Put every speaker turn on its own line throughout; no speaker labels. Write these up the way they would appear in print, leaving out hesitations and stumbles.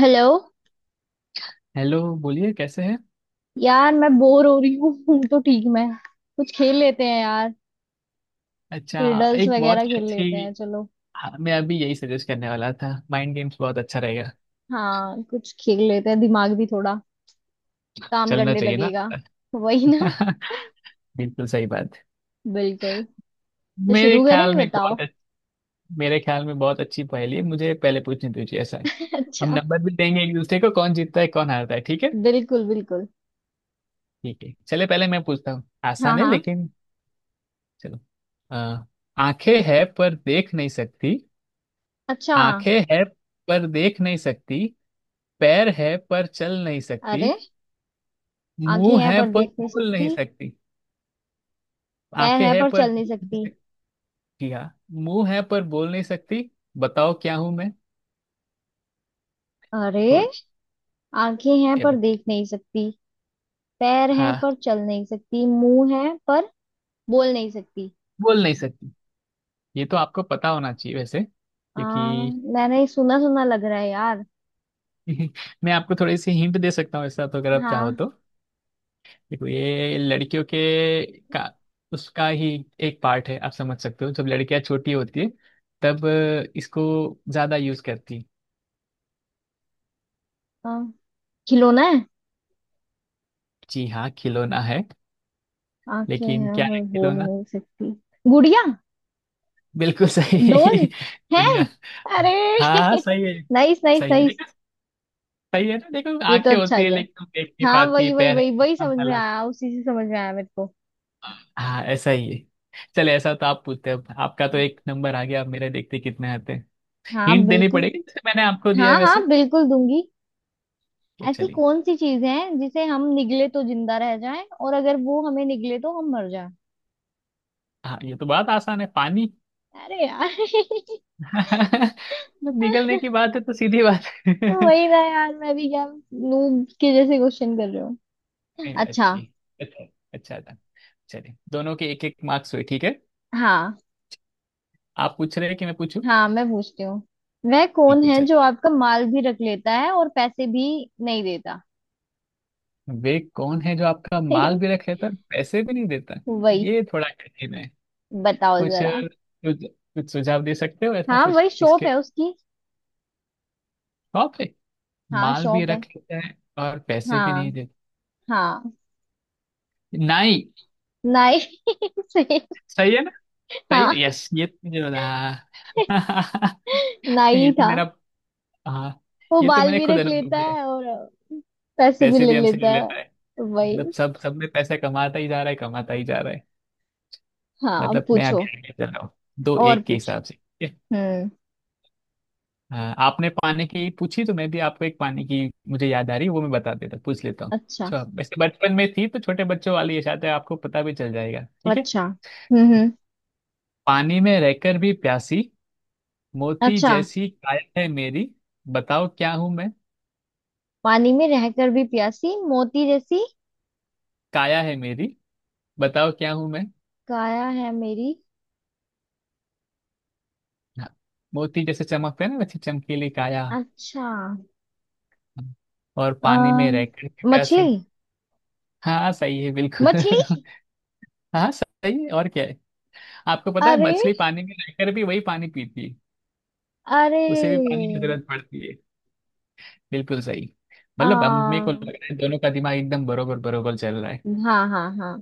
Hello.
Hello. बोलिए, कैसे हैं।
यार मैं बोर हो रही हूँ तो ठीक मैं कुछ खेल लेते हैं यार।
अच्छा।
रिडल्स
एक बहुत
वगैरह
ही
खेल लेते हैं
अच्छी
चलो।
हाँ, मैं अभी यही सजेस्ट करने वाला था, माइंड गेम्स बहुत अच्छा रहेगा।
हाँ, कुछ खेल लेते हैं, दिमाग भी थोड़ा काम
चलना
करने
चाहिए ना।
लगेगा। वही ना।
बिल्कुल सही बात।
बिल्कुल। तो
मेरे
शुरू करें,
ख्याल में एक
बताओ।
बहुत अच्छ- मेरे ख्याल में बहुत अच्छी पहेली है, मुझे पहले पूछनी दीजिए, ऐसा है। हम
अच्छा।
नंबर भी देंगे एक दूसरे को, कौन जीतता है कौन हारता है, ठीक है।
बिल्कुल बिल्कुल।
ठीक है चले, पहले मैं पूछता हूँ,
हाँ
आसान है
हाँ।
लेकिन चलो। अ, आंखें है पर देख नहीं सकती।
अच्छा।
आंखें है पर देख नहीं सकती। पैर है पर चल नहीं सकती।
अरे। आंखें
मुंह
हैं
है
पर
पर
देख नहीं
बोल नहीं
सकती।
सकती।
पैर
आंखें
हैं
है
पर
पर
चल नहीं
देख नहीं
सकती।
सकती। जी हाँ। मुंह है पर बोल नहीं सकती। बताओ क्या हूं मैं।
अरे।
छोड़।
आंखें हैं
ये
पर
बस।
देख नहीं सकती। पैर हैं
हाँ,
पर चल नहीं सकती। मुंह है पर बोल नहीं सकती।
बोल नहीं सकती। ये तो आपको पता होना चाहिए वैसे,
हाँ,
क्योंकि...
मैंने सुना सुना लग रहा है यार।
मैं आपको थोड़ी सी हिंट दे सकता हूँ ऐसा, तो अगर आप चाहो
हाँ
तो। देखो, ये लड़कियों के का उसका ही एक पार्ट है। आप समझ सकते हो, जब लड़कियां छोटी होती है तब इसको ज्यादा यूज करती।
हाँ, खिलौना है।
जी हाँ, खिलौना है।
आंखें
लेकिन
हैं
क्या है
पर बोल
खिलौना।
नहीं सकती। गुड़िया।
बिल्कुल सही।
डोल है।
बढ़िया।
अरे।
हाँ हाँ, सही है।
नाइस नाइस
सही है
नाइस।
देखो। सही है ना, देखो
ये तो
आंखें
अच्छा
होती है
गया।
लेकिन हम देख नहीं
हाँ,
पाती,
वही वही
पैर
वही
है।
वही
हम
समझ में
चला।
आया। उसी से समझ में आया मेरे को।
हाँ ऐसा ही है। चले, ऐसा तो आप पूछते हो, आपका तो एक नंबर आ गया, अब मेरे देखते कितने आते हैं।
हाँ
हिंट देनी
बिल्कुल।
पड़ेगी जैसे मैंने आपको दिया
हाँ
है वैसे।
हाँ बिल्कुल दूंगी।
ये
ऐसी
चलिए।
कौन सी चीज है जिसे हम निगले तो जिंदा रह जाएं, और अगर वो हमें निगले तो हम मर जाएं?
हाँ, ये तो बात आसान है, पानी।
अरे यार।
मतलब निकलने की बात है तो सीधी बात है।
वही ना यार। मैं भी क्या। नूब के जैसे क्वेश्चन कर रहे हो।
नहीं, नहीं,
अच्छा।
अच्छी। अच्छा। अच्छा था। चलिए, दोनों के एक एक मार्क्स हुए, ठीक है।
हाँ
आप पूछ रहे हैं कि मैं पूछूं।
हाँ, मैं पूछती हूँ। वह कौन
ठीक है,
है
चलिए।
जो आपका माल भी रख लेता है और पैसे भी नहीं देता?
वे कौन है जो आपका माल भी रख लेता है, पैसे भी नहीं देता।
वही।
ये थोड़ा कठिन है।
बताओ
कुछ
जरा।
कुछ कुछ सुझाव दे सकते हो, ऐसा
हाँ,
कुछ
वही शॉप
इसके।
है उसकी।
टॉप है।
हाँ,
माल भी
शॉप है।
रख लेता है और पैसे भी नहीं
हाँ
देता।
हाँ।
नाई।
नाई से।
सही है ना। सही है।
हाँ,
यस, ये तो मुझे बता। हाँ।
नाई
ये तो
था।
मेरा। हाँ।
वो
ये तो
बाल
मैंने
भी
खुद
रख
अनुभव
लेता
किया है।
है और पैसे भी
पैसे
ले
भी हमसे ले
लेता है।
लेता है।
वही।
मतलब सब सब में पैसा कमाता ही जा रहा है, कमाता ही जा रहा है।
हाँ
मतलब मैं
पूछो।
अभी आगे चल रहा हूँ, दो
और
एक के
पूछो।
हिसाब से।
हम्म।
हाँ, आपने पानी की पूछी तो मैं भी आपको एक पानी की... मुझे याद आ रही, वो मैं बता देता, पूछ लेता हूँ
अच्छा
अच्छा। वैसे बचपन में थी तो छोटे बच्चों वाली ये शायद है, आपको पता भी चल जाएगा, ठीक है।
अच्छा। हम्म।
पानी में रहकर भी प्यासी, मोती
अच्छा।
जैसी काया है मेरी। बताओ क्या हूं मैं।
पानी में रहकर भी प्यासी, मोती जैसी
काया है मेरी। बताओ क्या हूं मैं।
काया है मेरी।
हाँ, मोती जैसे चमकते हैं ना, वैसे चमकीली काया।
अच्छा।
हाँ, और पानी
आ,
में रहकर भी प्यासी।
मछली।
हाँ सही है बिल्कुल।
मछली।
हाँ सही है, और क्या है। आपको पता है
अरे।
मछली पानी में रहकर भी वही पानी पीती है।
अरे।
उसे भी पानी की जरूरत पड़ती है। बिल्कुल सही।
आ,
मतलब हम, मेरे को लग
हाँ।
रहा है दोनों का दिमाग एकदम बरोबर बरोबर चल रहा है।
हाँ हाँ।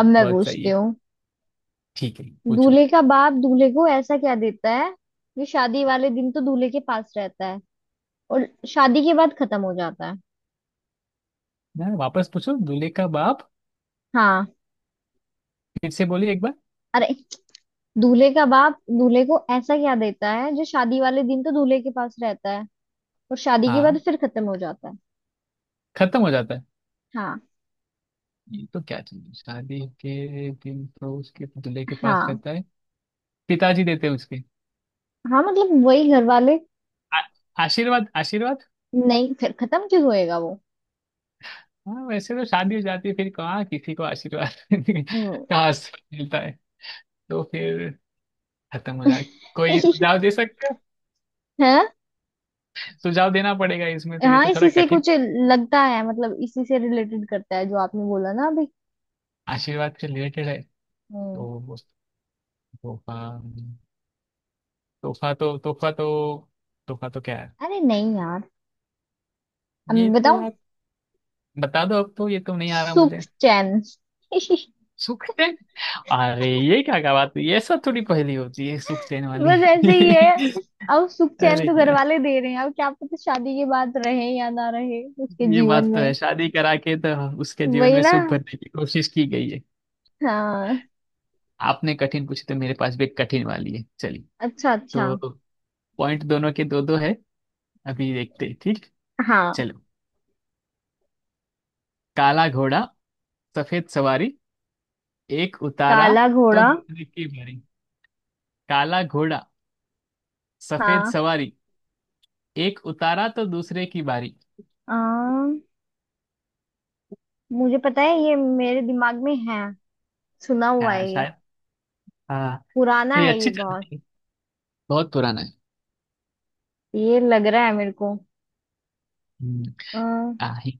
अब मैं
बहुत सही
पूछती
है।
हूँ।
ठीक है, पूछो।
दूल्हे का बाप दूल्हे को ऐसा क्या देता है जो शादी वाले दिन तो दूल्हे के पास रहता है और शादी के बाद खत्म हो जाता है?
ना, वापस पूछो, दूल्हे का बाप।
हाँ।
फिर से बोलिए एक बार।
अरे, दूल्हे का बाप दूल्हे को ऐसा क्या देता है जो शादी वाले दिन तो दूल्हे के पास रहता है और शादी के बाद
हाँ,
फिर खत्म हो जाता है?
खत्म हो जाता है।
हाँ।
ये तो क्या चीज़ है? शादी के दिन तो उसके दूल्हे के पास
हाँ
रहता है। पिताजी देते हैं उसके।
हाँ, मतलब वही घर वाले।
आ- आशीर्वाद, आशीर्वाद।
नहीं, फिर खत्म क्यों होएगा वो?
हाँ, वैसे तो शादी हो जाती है, फिर कहाँ किसी को आशीर्वाद।
हम्म।
कहाँ से मिलता है, तो फिर खत्म हो जाए। कोई सुझाव दे सकता है।
है।
सुझाव देना पड़ेगा इसमें तो, ये
हाँ,
तो
इसी
थोड़ा
से
कठिन।
कुछ लगता है, मतलब इसी से रिलेटेड करता है जो आपने बोला ना अभी।
आशीर्वाद से रिलेटेड है।
हम्म।
तो तोहफा तोहफा तो तोहफा तो तोहफा तो क्या है।
अरे नहीं यार, अब
ये
मैं
तो
बताऊं।
यार, बता दो अब तो, ये तो नहीं आ रहा
सुख
मुझे।
चैन।
सुख से। अरे, ये क्या क्या बात हुई, ये सब थोड़ी पहेली होती है, सुख देने वाली।
बस ऐसे ही है। अब सुख चैन
अरे
तो घर
यार,
वाले दे रहे हैं, अब क्या पता शादी के बाद रहे या ना रहे उसके
ये
जीवन
बात तो है,
में।
शादी करा के तो उसके जीवन
वही
में
ना।
सुख भरने की कोशिश की गई है।
हाँ।
आपने कठिन पूछी तो मेरे पास भी एक कठिन वाली है, चलिए।
अच्छा अच्छा।
तो पॉइंट दोनों के दो दो है, अभी देखते हैं ठीक।
हाँ।
चलो। काला घोड़ा, सफेद सवारी, एक उतारा
काला
तो
घोड़ा।
दूसरे की बारी। काला घोड़ा, सफेद
हाँ।
सवारी, एक उतारा तो दूसरे की बारी।
आ, मुझे पता है, ये मेरे दिमाग में है। सुना हुआ
हाँ
है ये।
शायद। हाँ,
पुराना
ये
है ये
अच्छी चल
बहुत।
रही है। बहुत पुराना है।
ये लग रहा है मेरे को।
हम्म।
अ,
हाँ हि-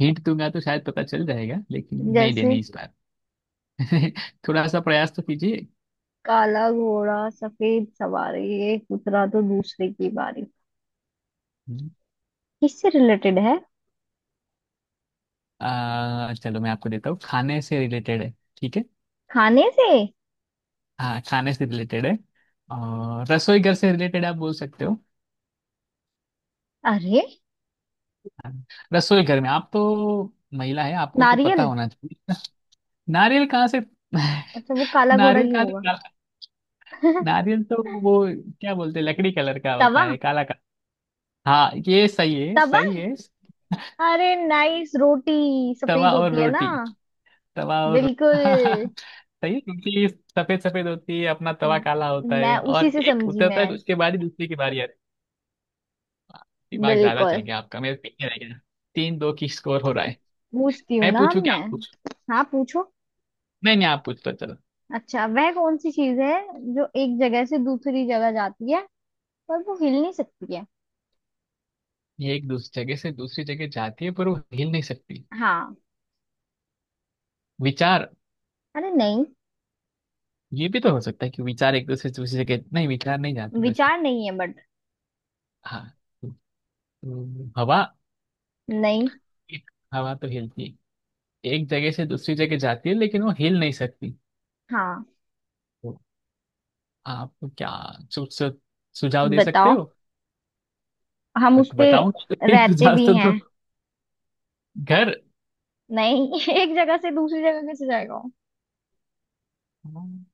हिंट दूंगा तो शायद पता चल जाएगा, लेकिन नहीं
जैसे।
देनी इस बार। थोड़ा सा प्रयास तो कीजिए।
काला घोड़ा सफेद सवारी, एक उतरा तो दूसरे की बारी।
हम्म,
किससे रिलेटेड है?
चलो, मैं आपको देता हूँ, खाने से रिलेटेड है, ठीक है।
खाने से?
हाँ, खाने से रिलेटेड है, और रसोई घर से रिलेटेड आप बोल सकते हो।
अरे।
रसोई घर में आप तो महिला है, आपको तो पता
नारियल।
होना चाहिए। नारियल कहाँ से।
अच्छा, वो काला घोड़ा
नारियल
क्यों
कहाँ से
होगा?
काला। नारियल तो वो, क्या बोलते हैं, लकड़ी कलर का होता
तवा।
है, काला का। हाँ ये सही है,
तवा।
सही है।
अरे नाइस, रोटी
तवा
सफेद
और
होती है ना।
रोटी। तवा और
बिल्कुल।
सही है, क्योंकि सफेद सफेद होती है अपना, तवा काला होता
मैं
है,
उसी
और
से
एक
समझी
उतरता है
मैं।
उसके बाद ही दूसरी की बारी आती है। दिमाग ज्यादा चल
बिल्कुल।
गया आपका, मेरे पीछे रह गया। 3-2 की स्कोर हो रहा है।
पूछती हूँ
मैं
ना
पूछू क्या?
मैं।
आप पूछो।
हाँ पूछो।
नहीं नहीं, आप पूछ तो।
अच्छा, वह कौन सी चीज है जो एक जगह से दूसरी जगह जाती है पर वो हिल नहीं सकती है?
ये एक दूसरी जगह से दूसरी जगह जाती है, पर वो हिल नहीं सकती।
हाँ।
विचार।
अरे नहीं,
ये भी तो हो सकता है कि विचार एक दूसरे से दूसरी जगह... नहीं, विचार नहीं जाते वैसे।
विचार नहीं है बट।
हाँ। हवा।
नहीं।
हवा तो हिलती है, एक जगह से दूसरी जगह जाती है, लेकिन वो हिल नहीं सकती।
हाँ।
तो आप क्या सु, सु, सुझाव दे सकते
बताओ।
हो।
हम उस पे
बताऊं?
रहते
सुझाव
भी
तो,
हैं।
तो घर।
नहीं। एक जगह से दूसरी जगह कैसे जाएगा वो?
हम्म,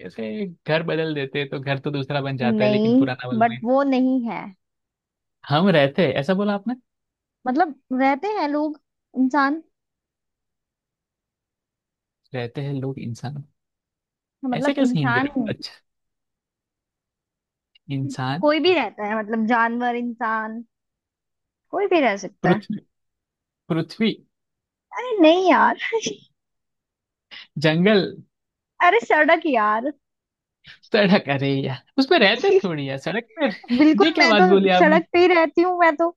जैसे घर बदल देते हैं तो घर तो दूसरा बन जाता है, लेकिन
नहीं,
पुराना वाला
बट
नहीं।
वो नहीं है।
हम रहते हैं ऐसा बोला आपने।
मतलब, रहते हैं लोग इंसान।
रहते हैं लोग, इंसान। ऐसे
मतलब
कैसे, हिंदी।
इंसान,
अच्छा, इंसान।
कोई भी रहता है, मतलब जानवर इंसान, कोई भी रह सकता है।
पृथ्वी। पृथ्वी।
अरे नहीं यार।
जंगल।
अरे सड़क यार।
सड़क? अरे यार, उसमें रहते थोड़ी यार, सड़क पर?
बिल्कुल,
ये क्या
मैं
बात
तो
बोली आपने।
सड़क पे ही रहती हूँ। मैं तो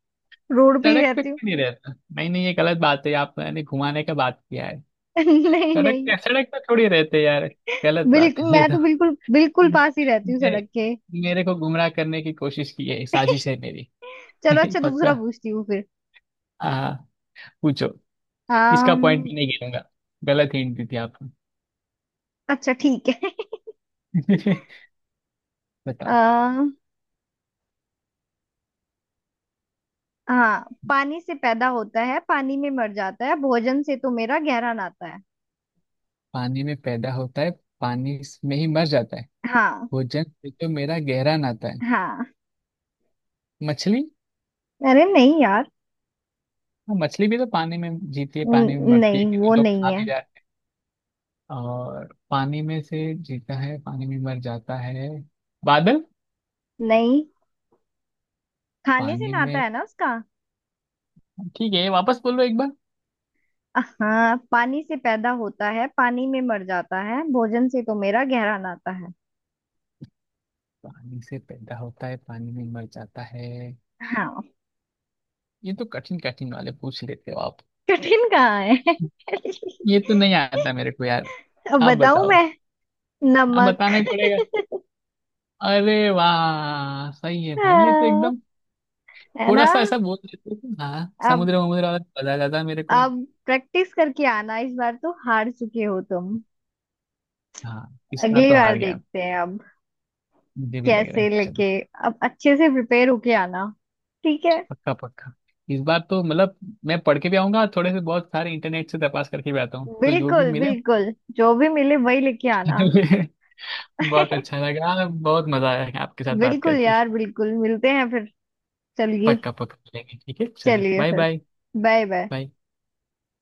रोड पे ही
सड़क पे
रहती हूँ।
क्यों? नहीं, रहता नहीं नहीं, ये गलत बात है, आपने घुमाने का बात किया है।
नहीं
सड़क
नहीं।
पे, सड़क पे थोड़ी रहते यार, गलत बात
बिल्कुल,
है ये
मैं
तो।
तो बिल्कुल बिल्कुल पास ही रहती हूँ
मेरे,
सड़क के।
मेरे को गुमराह करने की कोशिश की है, साजिश है मेरी।
चलो, अच्छा दूसरा
पक्का।
पूछती हूँ फिर।
आ, पूछो। इसका पॉइंट
अम्म,
मैं नहीं गिनूंगा, गलत हिंट दी थी आपने।
अच्छा ठीक है।
बताओ।
आ, हाँ, पानी से पैदा होता है पानी में मर जाता है, भोजन से तो मेरा गहरा नाता है।
पानी में पैदा होता है, पानी में ही मर जाता है,
हाँ।
भोजन से तो मेरा गहरा नाता है।
हाँ।
मछली।
अरे नहीं यार।
हाँ, मछली भी तो पानी में जीती है, पानी में
न-
मरती
नहीं,
है, क्योंकि
वो
लोग
नहीं
खा भी
है।
जाए। और पानी में से जीता है, पानी में मर जाता है। बादल।
नहीं, खाने से
पानी
नाता
में।
है ना उसका।
ठीक है, वापस बोलो एक बार।
हाँ, पानी से पैदा होता है पानी में मर जाता है, भोजन से तो मेरा गहरा नाता है।
पानी से पैदा होता है, पानी में मर जाता है।
हाँ।
ये तो कठिन कठिन वाले पूछ लेते हो आप।
कठिन कहाँ है।
ये तो नहीं आता मेरे को यार।
अब
आप
बताऊं
बताओ।
मैं?
आप
नमक।
बताना ही पड़ेगा। अरे वाह, सही है भाई, ये तो
हाँ,
एकदम।
है ना।
थोड़ा सा ऐसा बोल देते थे, हाँ,
अब
समुद्र वमुद्र वाला, मजा आ जाता मेरे को।
अब प्रैक्टिस करके आना, इस बार तो हार चुके हो तुम।
हाँ, इस बार
अगली
तो
बार
हार गया।
देखते हैं, अब
मुझे भी लग रहा
कैसे
है, चल।
लेके अब अच्छे से प्रिपेयर होके आना, ठीक है।
पक्का पक्का। इस बार तो मतलब मैं पढ़ के भी आऊंगा थोड़े से, बहुत सारे इंटरनेट से तपास करके भी आता हूँ तो जो भी
बिल्कुल
मिले।
बिल्कुल, जो भी मिले वही लेके आना।
बहुत अच्छा लगा, बहुत मजा आया आपके साथ बात
बिल्कुल
करके।
यार बिल्कुल, मिलते हैं फिर। चलिए।
पक्का पक्का मिलेंगे, ठीक है, चलिए,
चलिए
बाय
फिर।
बाय।
Bye bye.
बाय।